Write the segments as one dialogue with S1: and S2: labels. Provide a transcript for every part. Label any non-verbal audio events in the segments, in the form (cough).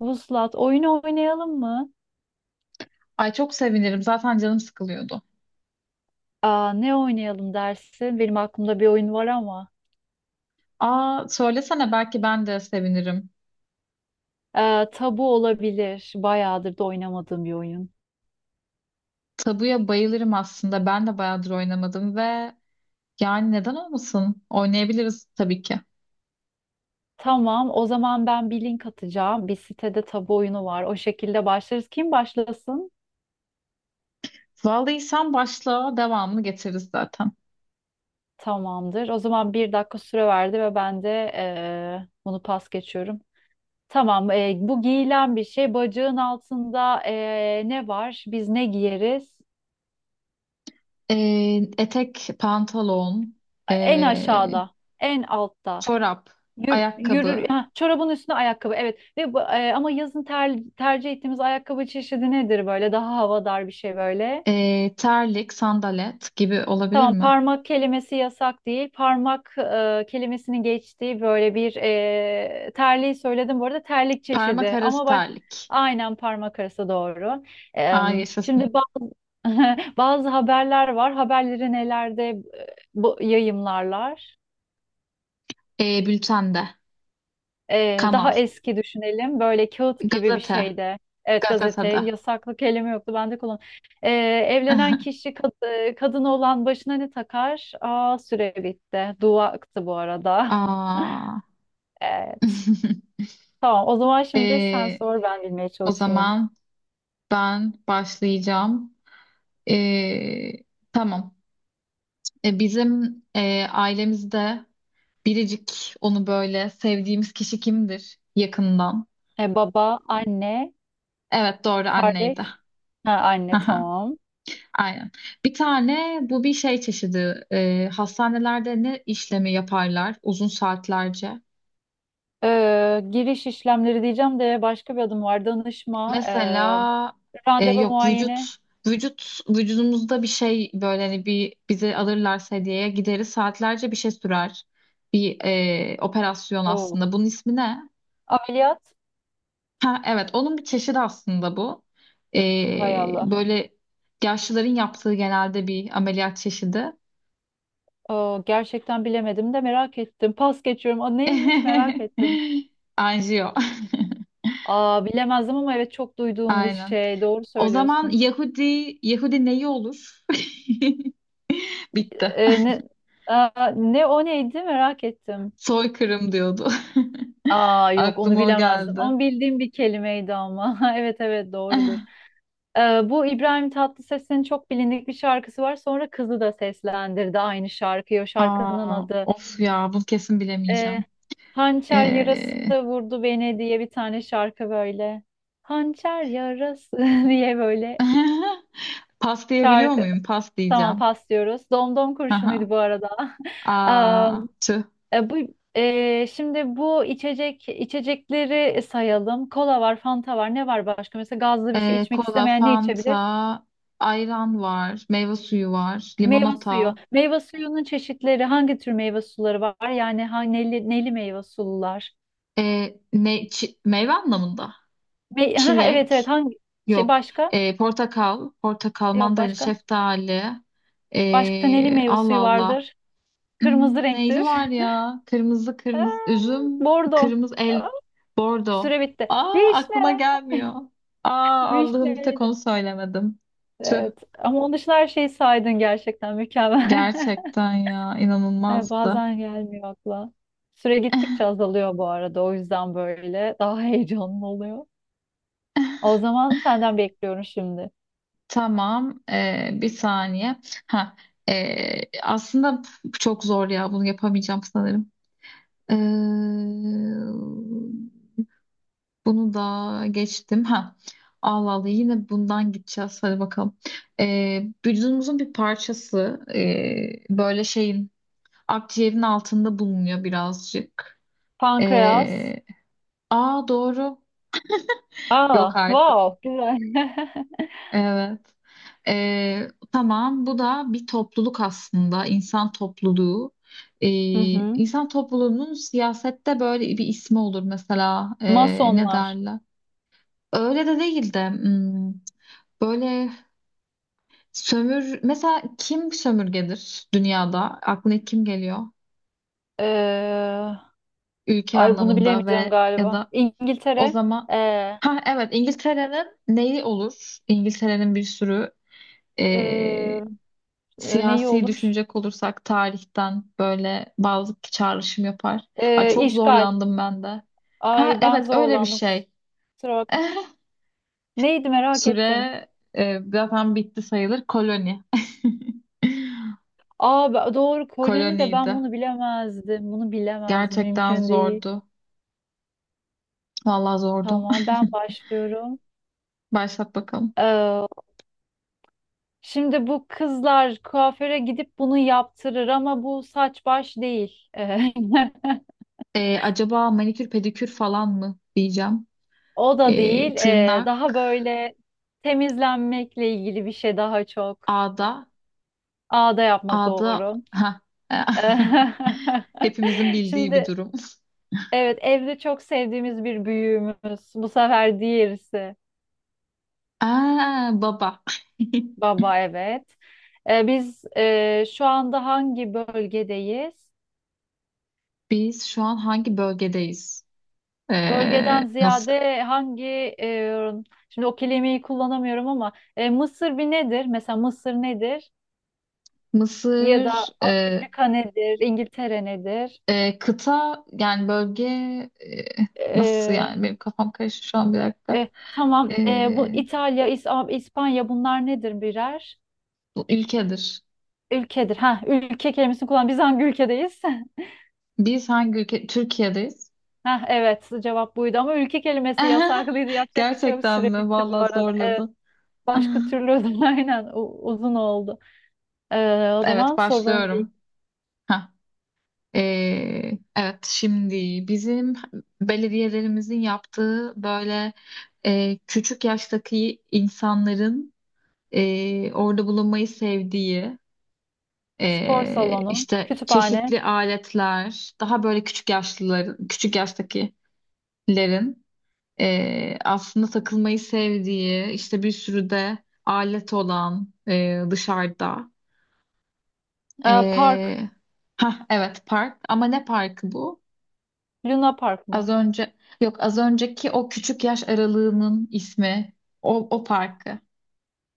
S1: Vuslat, oyunu oynayalım mı?
S2: Ay çok sevinirim. Zaten canım sıkılıyordu.
S1: Aa, ne oynayalım dersin? Benim aklımda bir oyun var ama.
S2: Aa, söylesene belki ben de sevinirim.
S1: Tabu olabilir. Bayağıdır da oynamadığım bir oyun.
S2: Tabuya bayılırım aslında. Ben de bayağıdır oynamadım ve yani neden olmasın? Oynayabiliriz tabii ki.
S1: Tamam, o zaman ben bir link atacağım. Bir sitede tabu oyunu var. O şekilde başlarız. Kim başlasın?
S2: Vallahi sen başla, devamını getiririz zaten.
S1: Tamamdır. O zaman bir dakika süre verdi ve ben de bunu pas geçiyorum. Tamam, bu giyilen bir şey. Bacağın altında ne var? Biz ne giyeriz?
S2: Etek, pantolon,
S1: En
S2: ee,
S1: aşağıda, en altta.
S2: çorap,
S1: Yürür,
S2: ayakkabı,
S1: ha, çorabın üstüne ayakkabı, evet. Ve bu, ama yazın tercih ettiğimiz ayakkabı çeşidi nedir böyle, daha havadar bir şey böyle.
S2: terlik, sandalet gibi olabilir
S1: Tamam,
S2: mi?
S1: parmak kelimesi yasak değil, parmak kelimesinin geçtiği böyle bir terliği söyledim bu arada, terlik
S2: Parmak
S1: çeşidi
S2: arası
S1: ama baş,
S2: terlik.
S1: aynen parmak arası doğru.
S2: Aa, yaşasın.
S1: Şimdi bazı, (laughs) bazı haberler var, haberleri nelerde bu, yayımlarlar.
S2: Bültende, kanal,
S1: Daha eski düşünelim. Böyle kağıt gibi bir
S2: gazete,
S1: şeyde. Evet, gazete.
S2: gazetede.
S1: Yasaklı kelime yoktu. Ben de kullan. Ee, Evlenen
S2: (laughs)
S1: kişi, kadın olan başına ne takar? Aa, süre bitti. Dua aktı bu arada. (laughs)
S2: Aa.
S1: Evet.
S2: (laughs)
S1: Tamam. O zaman şimdi sen
S2: Ee,
S1: sor, ben bilmeye
S2: o
S1: çalışayım.
S2: zaman ben başlayacağım. Ee, tamam. Bizim ailemizde biricik onu böyle sevdiğimiz kişi kimdir yakından?
S1: Baba, anne,
S2: Evet, doğru, anneydi.
S1: kardeş.
S2: (laughs)
S1: Ha, anne
S2: Aha,
S1: tamam.
S2: aynen. Bir tane bu bir şey çeşidi. Hastanelerde ne işlemi yaparlar uzun saatlerce?
S1: Giriş işlemleri diyeceğim de başka bir adım var. Danışma,
S2: Mesela
S1: randevu,
S2: yok,
S1: muayene.
S2: vücut vücudumuzda bir şey, böyle hani bir bizi alırlarsa hediyeye gideriz, saatlerce bir şey sürer. Bir operasyon
S1: Oo.
S2: aslında. Bunun ismi ne?
S1: Ameliyat.
S2: Ha, evet, onun bir çeşidi aslında bu. E,
S1: Hay Allah.
S2: Böyle yaşlıların yaptığı genelde bir ameliyat çeşidi.
S1: Aa, gerçekten bilemedim de merak ettim. Pas geçiyorum. Aa, neymiş,
S2: (laughs)
S1: merak ettim.
S2: Anjiyo.
S1: Aa, bilemezdim ama evet, çok duyduğum bir
S2: Aynen.
S1: şey. Doğru
S2: O zaman
S1: söylüyorsun.
S2: Yahudi neyi olur? (laughs) Bitti.
S1: Ee, ne, aa, ne o neydi, merak ettim.
S2: Soykırım diyordu. (laughs)
S1: Aa yok, onu
S2: Aklıma o
S1: bilemezdim
S2: geldi.
S1: ama bildiğim bir kelimeydi ama. (laughs) Evet evet, doğrudur.
S2: (laughs)
S1: Bu İbrahim Tatlıses'in çok bilindik bir şarkısı var. Sonra kızı da seslendirdi aynı şarkıyı. O şarkının
S2: Aa,
S1: adı.
S2: of ya, bunu kesin bilemeyeceğim.
S1: Ee, Hançer yarası
S2: Ee,
S1: vurdu beni diye bir tane şarkı böyle. Hançer yarası (laughs) diye böyle
S2: (laughs) pas diyebiliyor
S1: şarkı.
S2: muyum? Pas
S1: Tamam,
S2: diyeceğim.
S1: pas diyoruz. Domdom
S2: Aha.
S1: kurşunuydu bu arada. (laughs) Am,
S2: Aa, tüh.
S1: bu şimdi bu içecekleri sayalım. Kola var, Fanta var. Ne var başka? Mesela gazlı bir şey içmek
S2: Kola,
S1: istemeyen ne
S2: Fanta,
S1: içebilir?
S2: ayran var, meyve suyu var,
S1: Meyve
S2: limonata.
S1: suyu. Meyve suyunun çeşitleri, hangi tür meyve suları var? Yani ha, neli meyve sulular.
S2: Çi- meyve anlamında.
S1: (laughs) Ha, evet evet,
S2: Çilek.
S1: hangi şey
S2: Yok.
S1: başka?
S2: Portakal, portakal,
S1: Yok
S2: mandalina,
S1: başka.
S2: şeftali.
S1: Başka neli meyve
S2: Allah
S1: suyu
S2: Allah.
S1: vardır? Kırmızı
S2: Hmm, neyli
S1: renktir.
S2: var ya? Kırmızı
S1: (laughs)
S2: kırmızı
S1: Aa,
S2: üzüm,
S1: bordo.
S2: kırmızı
S1: Aa,
S2: el, bordo.
S1: süre bitti.
S2: Aa, aklıma
S1: Vişne.
S2: gelmiyor.
S1: (laughs)
S2: Aa, Allah'ım, bir tek
S1: Vişneydi.
S2: onu söylemedim. Tüh,
S1: Evet. Ama onun dışında her şeyi saydın, gerçekten mükemmel. (laughs)
S2: gerçekten ya, inanılmazdı.
S1: Bazen gelmiyor akla. Süre gittikçe
S2: (laughs)
S1: azalıyor bu arada. O yüzden böyle daha (laughs) heyecanlı oluyor. O zaman senden bekliyorum şimdi.
S2: Tamam, bir saniye. Ha, aslında çok zor ya, bunu yapamayacağım sanırım. Ee, Bunu da geçtim. Ha. Allah Allah, yine bundan gideceğiz. Hadi bakalım. Vücudumuzun bir parçası, böyle şeyin, akciğerin altında bulunuyor birazcık.
S1: Pankreas.
S2: Ee, Aa, doğru. Yok
S1: Aa,
S2: artık.
S1: wow, güzel. (laughs)
S2: Evet. Tamam, bu da bir topluluk aslında. İnsan topluluğu. Ee,
S1: Hı hı.
S2: insan topluluğunun siyasette böyle bir ismi olur mesela. Ne
S1: Masonlar.
S2: derler? Öyle de değil de, hmm, böyle. Sömür, mesela kim sömürgedir dünyada? Aklına ilk kim geliyor?
S1: Ee,
S2: Ülke
S1: ay, bunu
S2: anlamında
S1: bilemeyeceğim
S2: ve ya
S1: galiba.
S2: da o
S1: İngiltere.
S2: zaman,
S1: Ee,
S2: ha evet, İngiltere'nin neyi olur? İngiltere'nin bir sürü, eee,
S1: e, neyi
S2: siyasi
S1: olur?
S2: düşünecek olursak tarihten böyle bazı çağrışım yapar. Ay, çok
S1: İşgal.
S2: zorlandım ben de. Ha
S1: Ay, ben
S2: evet, öyle bir
S1: zorlandım.
S2: şey.
S1: Kusura
S2: (laughs)
S1: Neydi, merak ettim.
S2: Süre zaten bitti sayılır. Koloni. (laughs)
S1: Aa, doğru, koloni de ben
S2: Koloniydi.
S1: bunu bilemezdim. Bunu bilemezdim,
S2: Gerçekten
S1: mümkün değil.
S2: zordu. Vallahi zordu.
S1: Tamam, ben başlıyorum.
S2: Başlat bakalım.
S1: Ee, Şimdi bu kızlar kuaföre gidip bunu yaptırır ama bu saç baş değil.
S2: Acaba manikür pedikür falan mı diyeceğim.
S1: (laughs) O da değil.
S2: Tırnak,
S1: Daha böyle temizlenmekle ilgili bir şey daha çok.
S2: ağda,
S1: Ağda yapmak
S2: ağda,
S1: doğru.
S2: ha.
S1: (laughs)
S2: (laughs) Hepimizin bildiği bir
S1: Şimdi,
S2: durum.
S1: evet, evde çok sevdiğimiz bir büyüğümüz. Bu sefer diğerisi.
S2: Aa, baba. (laughs)
S1: Baba, evet. Biz şu anda hangi bölgedeyiz?
S2: Biz şu an hangi bölgedeyiz?
S1: Bölgeden
S2: Nasıl?
S1: ziyade hangi e, şimdi o kelimeyi kullanamıyorum ama Mısır bir nedir? Mesela Mısır nedir? Ya
S2: Mısır,
S1: da Amerika nedir? İngiltere nedir?
S2: kıta, yani bölge, e, nasıl
S1: Ee,
S2: yani? Benim kafam karıştı şu an, bir dakika.
S1: e, tamam. Bu
S2: Ee,
S1: İtalya, İspanya, bunlar nedir birer?
S2: Bu ülkedir.
S1: Ülkedir. Ha, ülke kelimesini kullan. Biz hangi ülkedeyiz? (laughs)
S2: Biz hangi ülke? Türkiye'deyiz.
S1: Ha, evet, cevap buydu ama ülke kelimesi
S2: (laughs)
S1: yasaklıydı. Yapacak bir şey yok.
S2: Gerçekten
S1: Süre
S2: mi?
S1: bitti bu
S2: Vallahi
S1: arada. Evet.
S2: zorladı.
S1: Başka
S2: (laughs)
S1: türlü o zaman (laughs) aynen uzun oldu. O
S2: Evet,
S1: zaman sorularım bir.
S2: başlıyorum. Heh. Evet, şimdi bizim belediyelerimizin yaptığı böyle küçük yaştaki insanların orada bulunmayı sevdiği,
S1: Spor salonu,
S2: işte
S1: kütüphane,
S2: çeşitli aletler, daha böyle küçük yaşlıların, küçük yaştakilerin aslında takılmayı sevdiği, işte bir sürü de alet olan, dışarıda.
S1: park,
S2: E, ha evet, park, ama ne parkı bu?
S1: Luna Park
S2: Az
S1: mı?
S2: önce, yok, az önceki o küçük yaş aralığının ismi, o parkı.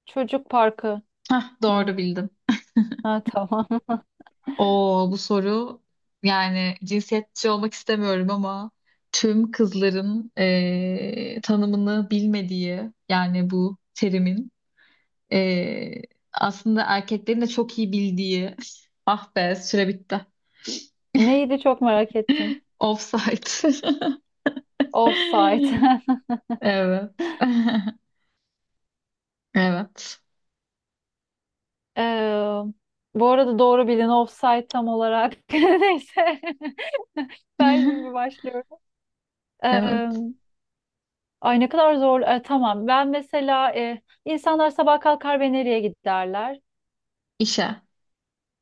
S1: Çocuk parkı
S2: Ha,
S1: mı?
S2: doğru bildim.
S1: Ha, tamam. (laughs)
S2: O bu soru, yani cinsiyetçi olmak istemiyorum ama tüm kızların tanımını bilmediği, yani bu terimin. Ee, Aslında erkeklerin de çok iyi bildiği. (laughs) Ah be, süre bitti.
S1: Neydi, çok merak ettim.
S2: Offside.
S1: Offside.
S2: (laughs)
S1: (laughs)
S2: Evet. (laughs) Evet.
S1: Ee, Bu arada, doğru bilin offside tam olarak. (laughs) Neyse. (laughs) Ben şimdi
S2: (laughs)
S1: başlıyorum. Ee,
S2: Evet.
S1: Ay, ne kadar zor. Tamam. Ben mesela insanlar sabah kalkar ve nereye giderler?
S2: İşe.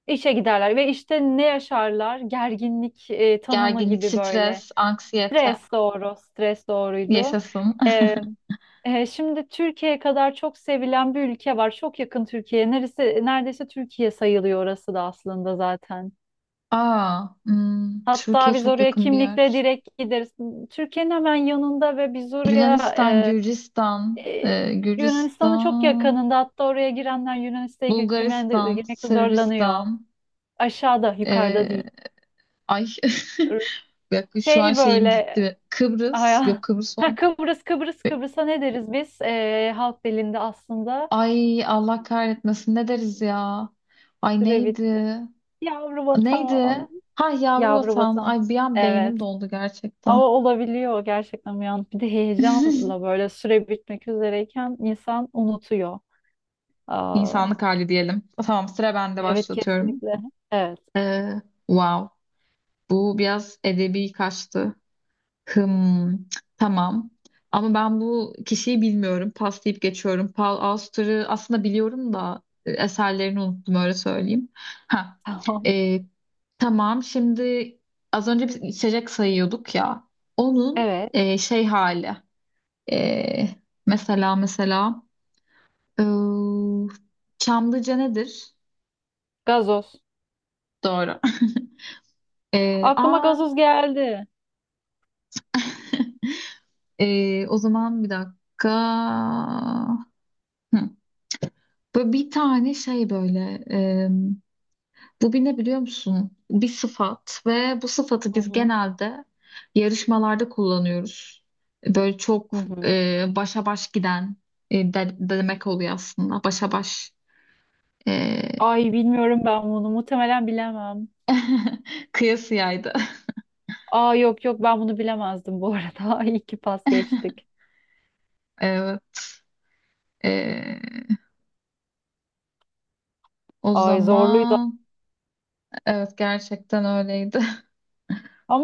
S1: İşe giderler ve işte ne yaşarlar? Gerginlik tanımı
S2: Gerginlik,
S1: gibi böyle.
S2: stres, anksiyete.
S1: Stres doğru, stres doğruydu.
S2: Yaşasın.
S1: E, şimdi Türkiye kadar çok sevilen bir ülke var. Çok yakın Türkiye. Neresi, neredeyse Türkiye sayılıyor orası da aslında zaten.
S2: (laughs) Aa, hmm,
S1: Hatta
S2: Türkiye
S1: biz
S2: çok
S1: oraya
S2: yakın bir
S1: kimlikle
S2: yer.
S1: direkt gideriz. Türkiye'nin hemen yanında ve biz oraya
S2: Yunanistan, Gürcistan,
S1: e, e, Yunanistan'ın çok
S2: Gürcistan,
S1: yakınında. Hatta oraya girenler Yunanistan'a
S2: Bulgaristan,
S1: girmekte zorlanıyor.
S2: Sırbistan,
S1: Aşağıda,
S2: e,
S1: yukarıda değil.
S2: ay. (laughs) Bak şu an
S1: Şey
S2: şeyim
S1: böyle,
S2: gitti. Kıbrıs. Yok,
S1: aya, (laughs)
S2: Kıbrıs
S1: ha,
S2: orada.
S1: Kıbrıs'a ne deriz biz? Halk dilinde aslında
S2: Ay Allah kahretmesin, ne deriz ya? Ay,
S1: Türevit,
S2: neydi?
S1: yavru
S2: Neydi?
S1: vatan.
S2: Ha, yavru
S1: Yavru
S2: vatan.
S1: vatan,
S2: Ay, bir an
S1: evet,
S2: beynim doldu
S1: ama
S2: gerçekten.
S1: olabiliyor gerçekten, bir an, bir de heyecanla
S2: (laughs)
S1: böyle süre bitmek üzereyken insan unutuyor. Aa,
S2: İnsanlık hali diyelim. Tamam, sıra bende,
S1: evet
S2: başlatıyorum.
S1: kesinlikle. Evet
S2: Ee, wow. Bu biraz edebi kaçtı. Hım, tamam. Ama ben bu kişiyi bilmiyorum. Pas deyip geçiyorum. Paul Auster'ı aslında biliyorum da eserlerini unuttum, öyle söyleyeyim. Ha.
S1: (laughs) tamam,
S2: e, tamam. Şimdi az önce biz içecek sayıyorduk ya. Onun
S1: evet,
S2: şey hali. E, mesela ıı, Çamlıca nedir?
S1: gazoz.
S2: Doğru. (laughs) E,
S1: Aklıma
S2: aa,
S1: gazoz geldi.
S2: O zaman bir dakika. Hı. Böyle bir tane şey, böyle, bu bir ne biliyor musun? Bir sıfat ve bu sıfatı
S1: Hı
S2: biz
S1: hı.
S2: genelde yarışmalarda kullanıyoruz. Böyle
S1: Hı
S2: çok
S1: hı.
S2: başa baş giden, demek oluyor aslında. Başa baş e,
S1: Ay, bilmiyorum, ben bunu muhtemelen bilemem.
S2: (laughs) kıyasıyaydı.
S1: Aa yok yok, ben bunu bilemezdim bu arada. (laughs) İyi ki pas geçtik.
S2: Evet. E, O
S1: Ay, zorluydu.
S2: zaman, evet, gerçekten öyleydi.
S1: Ama